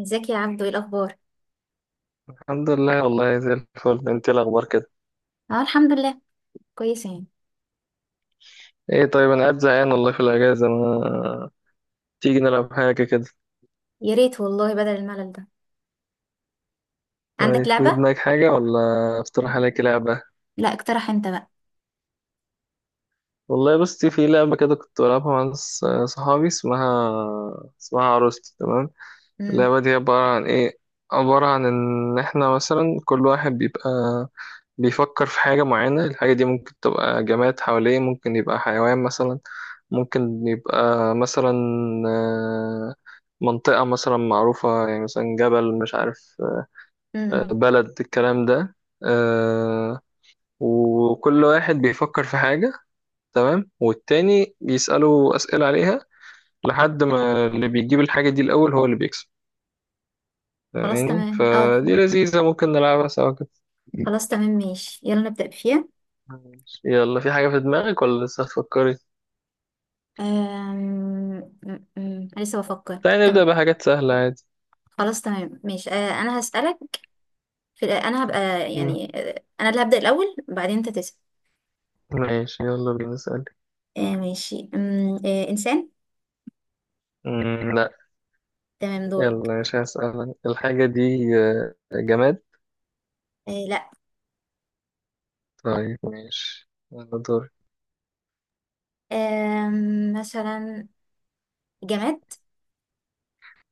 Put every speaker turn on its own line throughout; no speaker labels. ازيك يا عبدو؟ ايه الاخبار؟
الحمد لله، والله زي الفل. انت إيه الاخبار كده؟
اه الحمد لله. كويسه يعني.
ايه طيب، انا قاعد زهقان والله في الاجازه. ما تيجي نلعب حاجه كده؟
يا ريت والله بدل الملل ده. عندك
طيب، في
لعبه؟
دماغك حاجه ولا اقترح عليك لعبه؟
لا اقترح انت بقى.
والله بصي، في لعبه كده كنت بلعبها مع ناس صحابي، اسمها عروستي، تمام.
امم
اللعبه دي عباره عن ايه؟ عباره عن ان احنا مثلا كل واحد بيبقى بيفكر في حاجة معينة. الحاجة دي ممكن تبقى جماد حواليه، ممكن يبقى حيوان مثلا، ممكن يبقى مثلا آه، منطقة مثلا معروفة، يعني مثلا جبل مش عارف،
امم
بلد، الكلام ده. آه، وكل واحد بيفكر في حاجة، تمام، والتاني بيسأله أسئلة عليها لحد ما اللي بيجيب الحاجة دي الأول هو اللي بيكسب.
خلاص
يعني
تمام اه.
فدي لذيذة، ممكن نلعبها سوا كده.
خلاص تمام ماشي، يلا نبدا فيها.
يلا، في حاجة في دماغك ولا لسه هتفكري؟
أم... أم، أم، لسه بفكر.
تعالى
طب
نبدأ بحاجات سهلة عادي.
خلاص تمام ماشي. آه انا هسالك. انا هبقى
مم.
يعني، انا اللي هبدا الاول بعدين انت تسال.
ماشي يلا بينا نسأل.
آه ماشي. أم... آه انسان؟
مم، لا.
تمام دورك.
يلا مش هسأل الحاجة دي. جماد.
آه لا.
طيب ماشي، يلا دور.
مثلا جماد.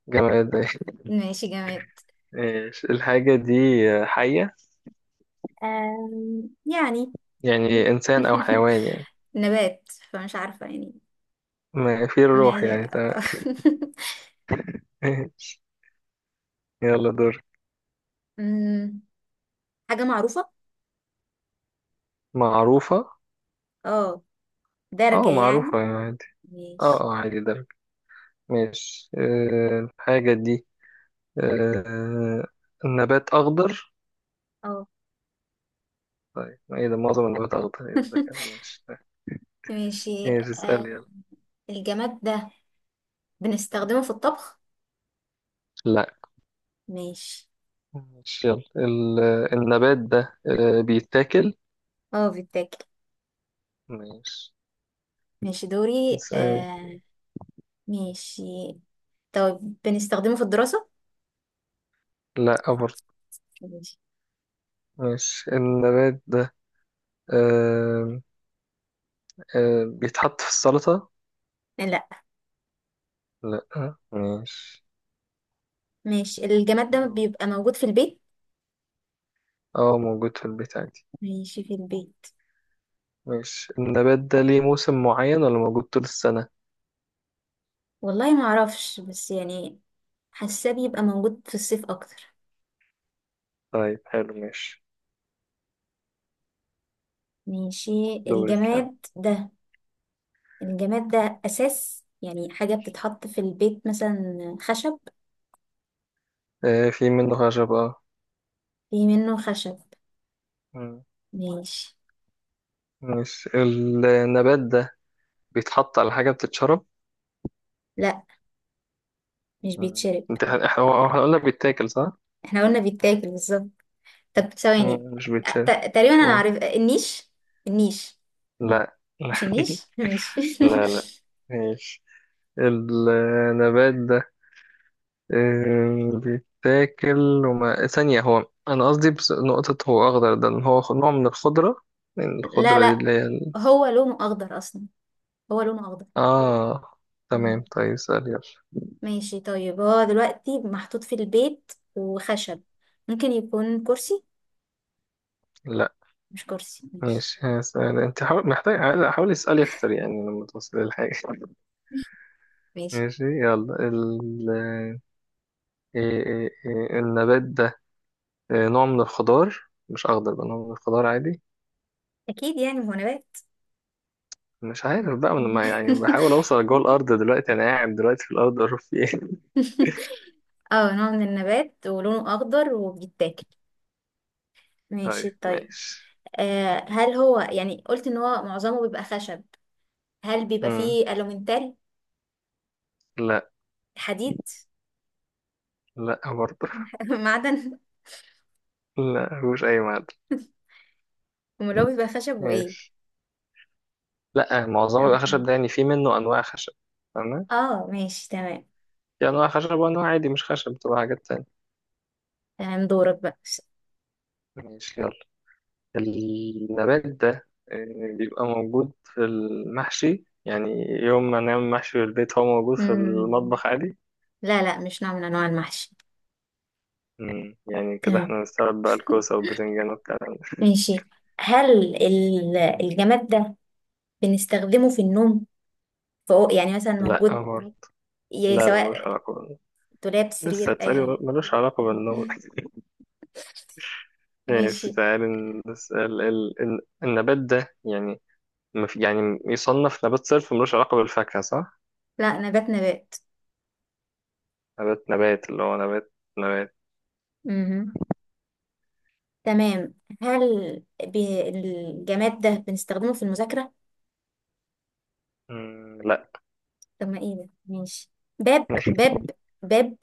جماد
ماشي جماد.
ماشي، الحاجة دي حية.
آم، يعني
يعني إنسان أو حيوان يعني.
نبات، فمش عارفة يعني.
ما في الروح يعني، تمام.
ما-
ماشي. يلا دور.
أمم، حاجة معروفة.
معروفة.
اه درجة
اه
يعني.
معروفة يعني عادي. اه
ماشي.
اه عادي درجة. ماشي، الحاجة دي آه، نبات أخضر.
اه
طيب ما ايه ده، معظم النبات أخضر، ايه الذكاء ده كده. ماشي.
ماشي.
ايش اسأل
آه،
يلا.
الجماد ده بنستخدمه في الطبخ؟
لا.
ماشي.
مش يلا النبات ده بيتاكل.
اه بيتاكل.
ماشي
ماشي دوري.
اسأل.
آه ماشي، طيب بنستخدمه في الدراسة؟
لا برضه.
ماشي.
مش النبات ده آه، بيتحط في السلطة.
لا
لا مش.
ماشي. الجماد ده
دور.
بيبقى موجود في البيت؟
اه، موجود في البيت عادي.
ماشي في البيت.
مش النبات ده ليه موسم معين ولا موجود طول السنة.
والله ما اعرفش بس يعني حاساه بيبقى موجود في الصيف اكتر.
طيب حلو، ماشي.
ماشي
دورك يلا.
الجماد ده. الجماد ده أساس يعني حاجة بتتحط في البيت، مثلا خشب.
في منه خشب، اه.
في منه خشب.
مم.
ماشي.
مش النبات ده بيتحط على حاجة بتتشرب.
لا مش
مم.
بيتشرب.
انت احنا هو احنا قلنا بيتاكل صح؟
احنا قلنا بيتاكل بالظبط. طب ثواني.
مم، مش بيتشاف.
تقريبا أنا
قول.
عارف. النيش. النيش.
لا لا
مش النيش ماشي
لا لا، ماشي. النبات ده بيتاكل، وما ثانية هو أنا قصدي بس نقطة، هو أخضر ده إن هو نوع من الخضرة، يعني
لا
الخضرة دي
لا،
اللي هي
هو لونه أخضر أصلا، هو لونه أخضر.
آه،
مم.
تمام. طيب اسأل يلا.
ماشي طيب، هو دلوقتي محطوط في البيت وخشب، ممكن يكون كرسي؟
لا
مش كرسي ماشي.
ماشي. هسأل أنت حاول، محتاج حاول اسألي أكتر يعني لما توصل للحاجة
ماشي
ماشي يلا ال... آه، إيه- إيه- إيه، النبات ده نوع من الخضار. مش اخضر بقى، نوع من الخضار عادي.
اكيد يعني هو نبات.
مش عارف بقى، من ما يعني بحاول اوصل جوه الارض دلوقتي، انا قاعد دلوقتي في الارض اعرف في ايه.
اه نوع من النبات ولونه اخضر وبيتاكل.
طيب
ماشي طيب.
ماشي.
آه هل هو يعني، قلت ان هو معظمه بيبقى خشب، هل بيبقى
مم.
فيه الومنتال؟
لا
حديد؟
لا برضه.
معدن؟
لا مش اي معدن.
امال هو بيبقى خشب وايه؟
ماشي. لا، معظم الخشب ده يعني في منه انواع خشب. تمام،
اه ماشي تمام.
في انواع خشب وانواع عادي مش خشب بتبقى حاجات تانية.
تمام دورك بقى.
ماشي يلا. النبات ده بيبقى موجود في المحشي، يعني يوم ما نعمل محشي في البيت هو موجود في
مم.
المطبخ عادي.
لا لا مش نوع من انواع المحشي.
مم. يعني كده
تمام
احنا نستوعب بقى الكوسة والبتنجان والكلام ده.
ماشي. الجماد ده بنستخدمه في النوم؟ فوق يعني مثلا
لا
موجود،
برضه. لا لا، ملوش
سواء
علاقة.
دولاب،
لسه
سرير، اي
تسألي،
حاجه؟
ملوش علاقة بالنوم ماشي
ماشي.
تعالي، نسأل النبات ده يعني يعني يصنف نبات صرف، ملوش علاقة بالفاكهة صح؟
لا نبات نبات.
نبات نبات، اللي هو نبات نبات.
مهم. تمام. الجماد ده بنستخدمه في المذاكره؟
مم، لا.
طب ما ايه ده، ماشي. باب، باب، باب.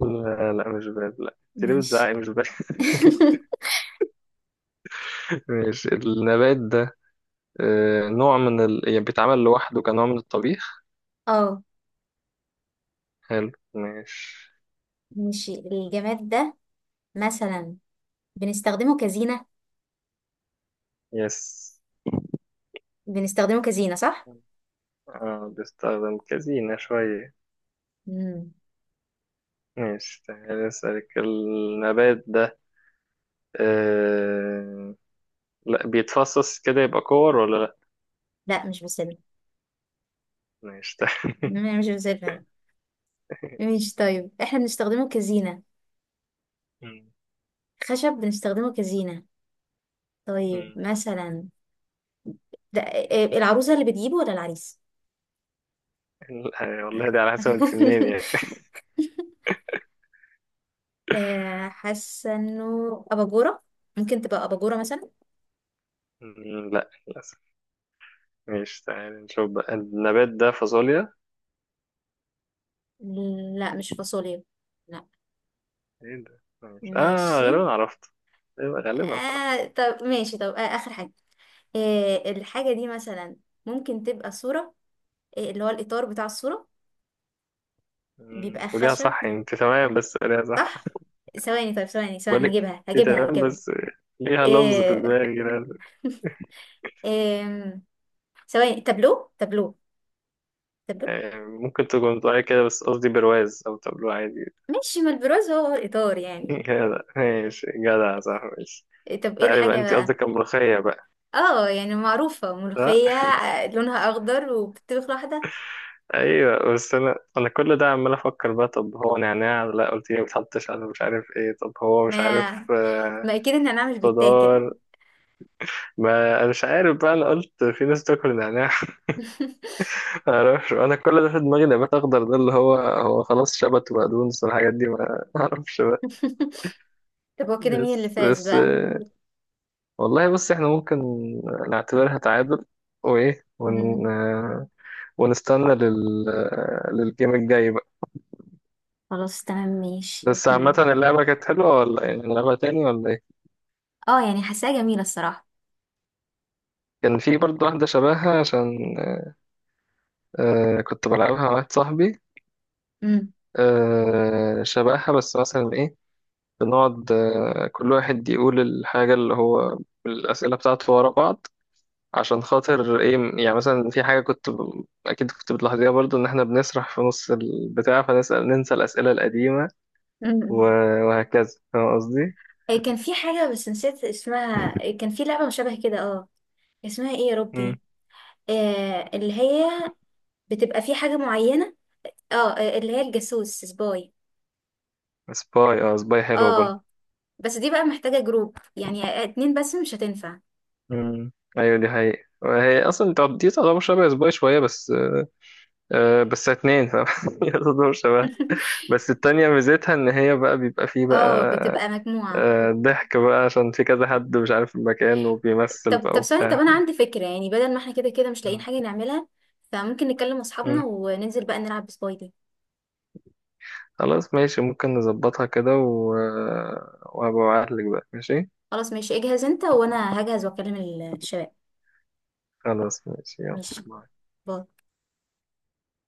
لا لا مش باب، لا تريد
ماشي
بتزعقي، مش باب. ماشي. النبات ده نوع من يعني بيتعمل لوحده كنوع من الطبيخ.
اه
حلو ماشي.
ماشي، الجماد ده مثلا بنستخدمه كزينه؟
يس.
بنستخدمه كزينه صح؟
اه، بيستخدم كزينة شوية.
مم.
ماشي، تعالى أسألك، النبات ده آه... لا بيتفصص كده يبقى كور ولا لا.
لا مش بسلة.
ماشي تعالى.
مم، مش بسلة. ماشي طيب، احنا بنستخدمه كزينه،
مم.
خشب بنستخدمه كزينه، طيب
مم.
مثلا ده العروسة اللي بتجيبه ولا العريس؟
لا، والله دي على حسب انت منين يعني.
آه، حاسة انه أباجورة، ممكن تبقى أباجورة مثلا.
مم، لا للأسف. ماشي، تعالى نشوف بقى، النبات ده فاصوليا.
لا مش فاصوليا. لا.
ايه ده ماشي، اه
ماشي.
غالبا عرفت. غالبا غالبا عرفت.
آه طب ماشي، طب آه آخر حاجة. آه الحاجة دي مثلا ممكن تبقى صورة، آه اللي هو الإطار بتاع الصورة،
مم،
بيبقى
وليها
خشب
صح، انت تمام بس ليها صح.
صح؟ ثواني، طيب ثواني
بقول
ثواني،
لك،
هجيبها
انت
هجيبها
تمام
هجيبها
بس ليها لفظ في
آه
دماغي كده.
آه ثواني، تابلو. تابلو.
ممكن تكون طالع كده، بس قصدي برواز او طبلو عادي.
ماشي، ما البرواز هو الإطار يعني.
جدع، ماشي جدع صح ماشي.
طب ايه
تعالي بقى،
الحاجة
انت
بقى؟
قصدك الملوخية بقى.
اه يعني معروفة ملوخية،
صح.
آه، لونها اخضر وبتطبخ لوحدها.
ايوه، بس انا كل ده عمال افكر بقى، طب هو نعناع؟ لا قلت لي ما بتحطش على، مش عارف ايه، طب هو مش
ما
عارف
ما اكيد ان انا مش بتاكل.
خضار. ما انا مش عارف بقى، انا قلت في ناس تاكل نعناع. ما اعرفش، انا كل ده في دماغي نبات اخضر ده اللي هو، هو خلاص شبت وبقدونس والحاجات دي، ما اعرفش بقى.
طب هو كده مين اللي
بس
فاز
بس،
بقى؟
والله بص، احنا ممكن نعتبرها تعادل، وايه ون...
مم.
آه، ونستنى لل... آه، للجيم الجاي بقى.
خلاص تمام ماشي.
بس عامة
مم.
اللعبة كانت حلوة ولا يعني نلعبها تاني ولا ايه؟
اه يعني حاساها جميلة الصراحة.
كان في برضه واحدة شبهها، عشان كنت بلعبها مع واحد صاحبي،
مم.
شبهها، بس مثلا ايه، بنقعد كل واحد يقول الحاجة اللي هو الأسئلة بتاعته ورا بعض، عشان خاطر ايه، يعني مثلا في حاجة كنت اكيد كنت بتلاحظيها برضو، ان احنا بنسرح في نص البتاع، فنسأل ننسى الأسئلة القديمة، و...
مم.
وهكذا، فاهم قصدي؟
إيه كان في حاجة بس نسيت اسمها، إيه كان في لعبة مشابهة كده اه، اسمها ايه يا
مم.
ربي؟ آه اللي هي بتبقى في حاجة معينة، اه آه، اللي هي الجاسوس، سباي.
سباي، اه سباي حلوة برضو.
اه بس دي بقى محتاجة جروب، يعني اتنين بس مش هتنفع.
مم. ايوه دي حقيقة، وهي اصلا دي تعتبر شبه سباي شوية، بس بس اتنين فاهم هي تعتبر شبه. بس التانية ميزتها ان هي بقى بيبقى فيه
اه
بقى
بتبقى مجموعة.
ضحك بقى عشان في كذا حد مش عارف المكان وبيمثل
طب
بقى
طب ثانية، طب
وبتاع.
أنا عندي فكرة، يعني بدل ما احنا كده كده مش لاقيين حاجة نعملها، فممكن نكلم
مم.
أصحابنا وننزل بقى نلعب بسبايدي.
خلاص ماشي، ممكن نظبطها كده وهبقى أبعتلك بقى، ماشي.
خلاص ماشي، اجهز انت وأنا هجهز وأكلم الشباب.
خلاص ماشي يلا.
ماشي
باي.
باي.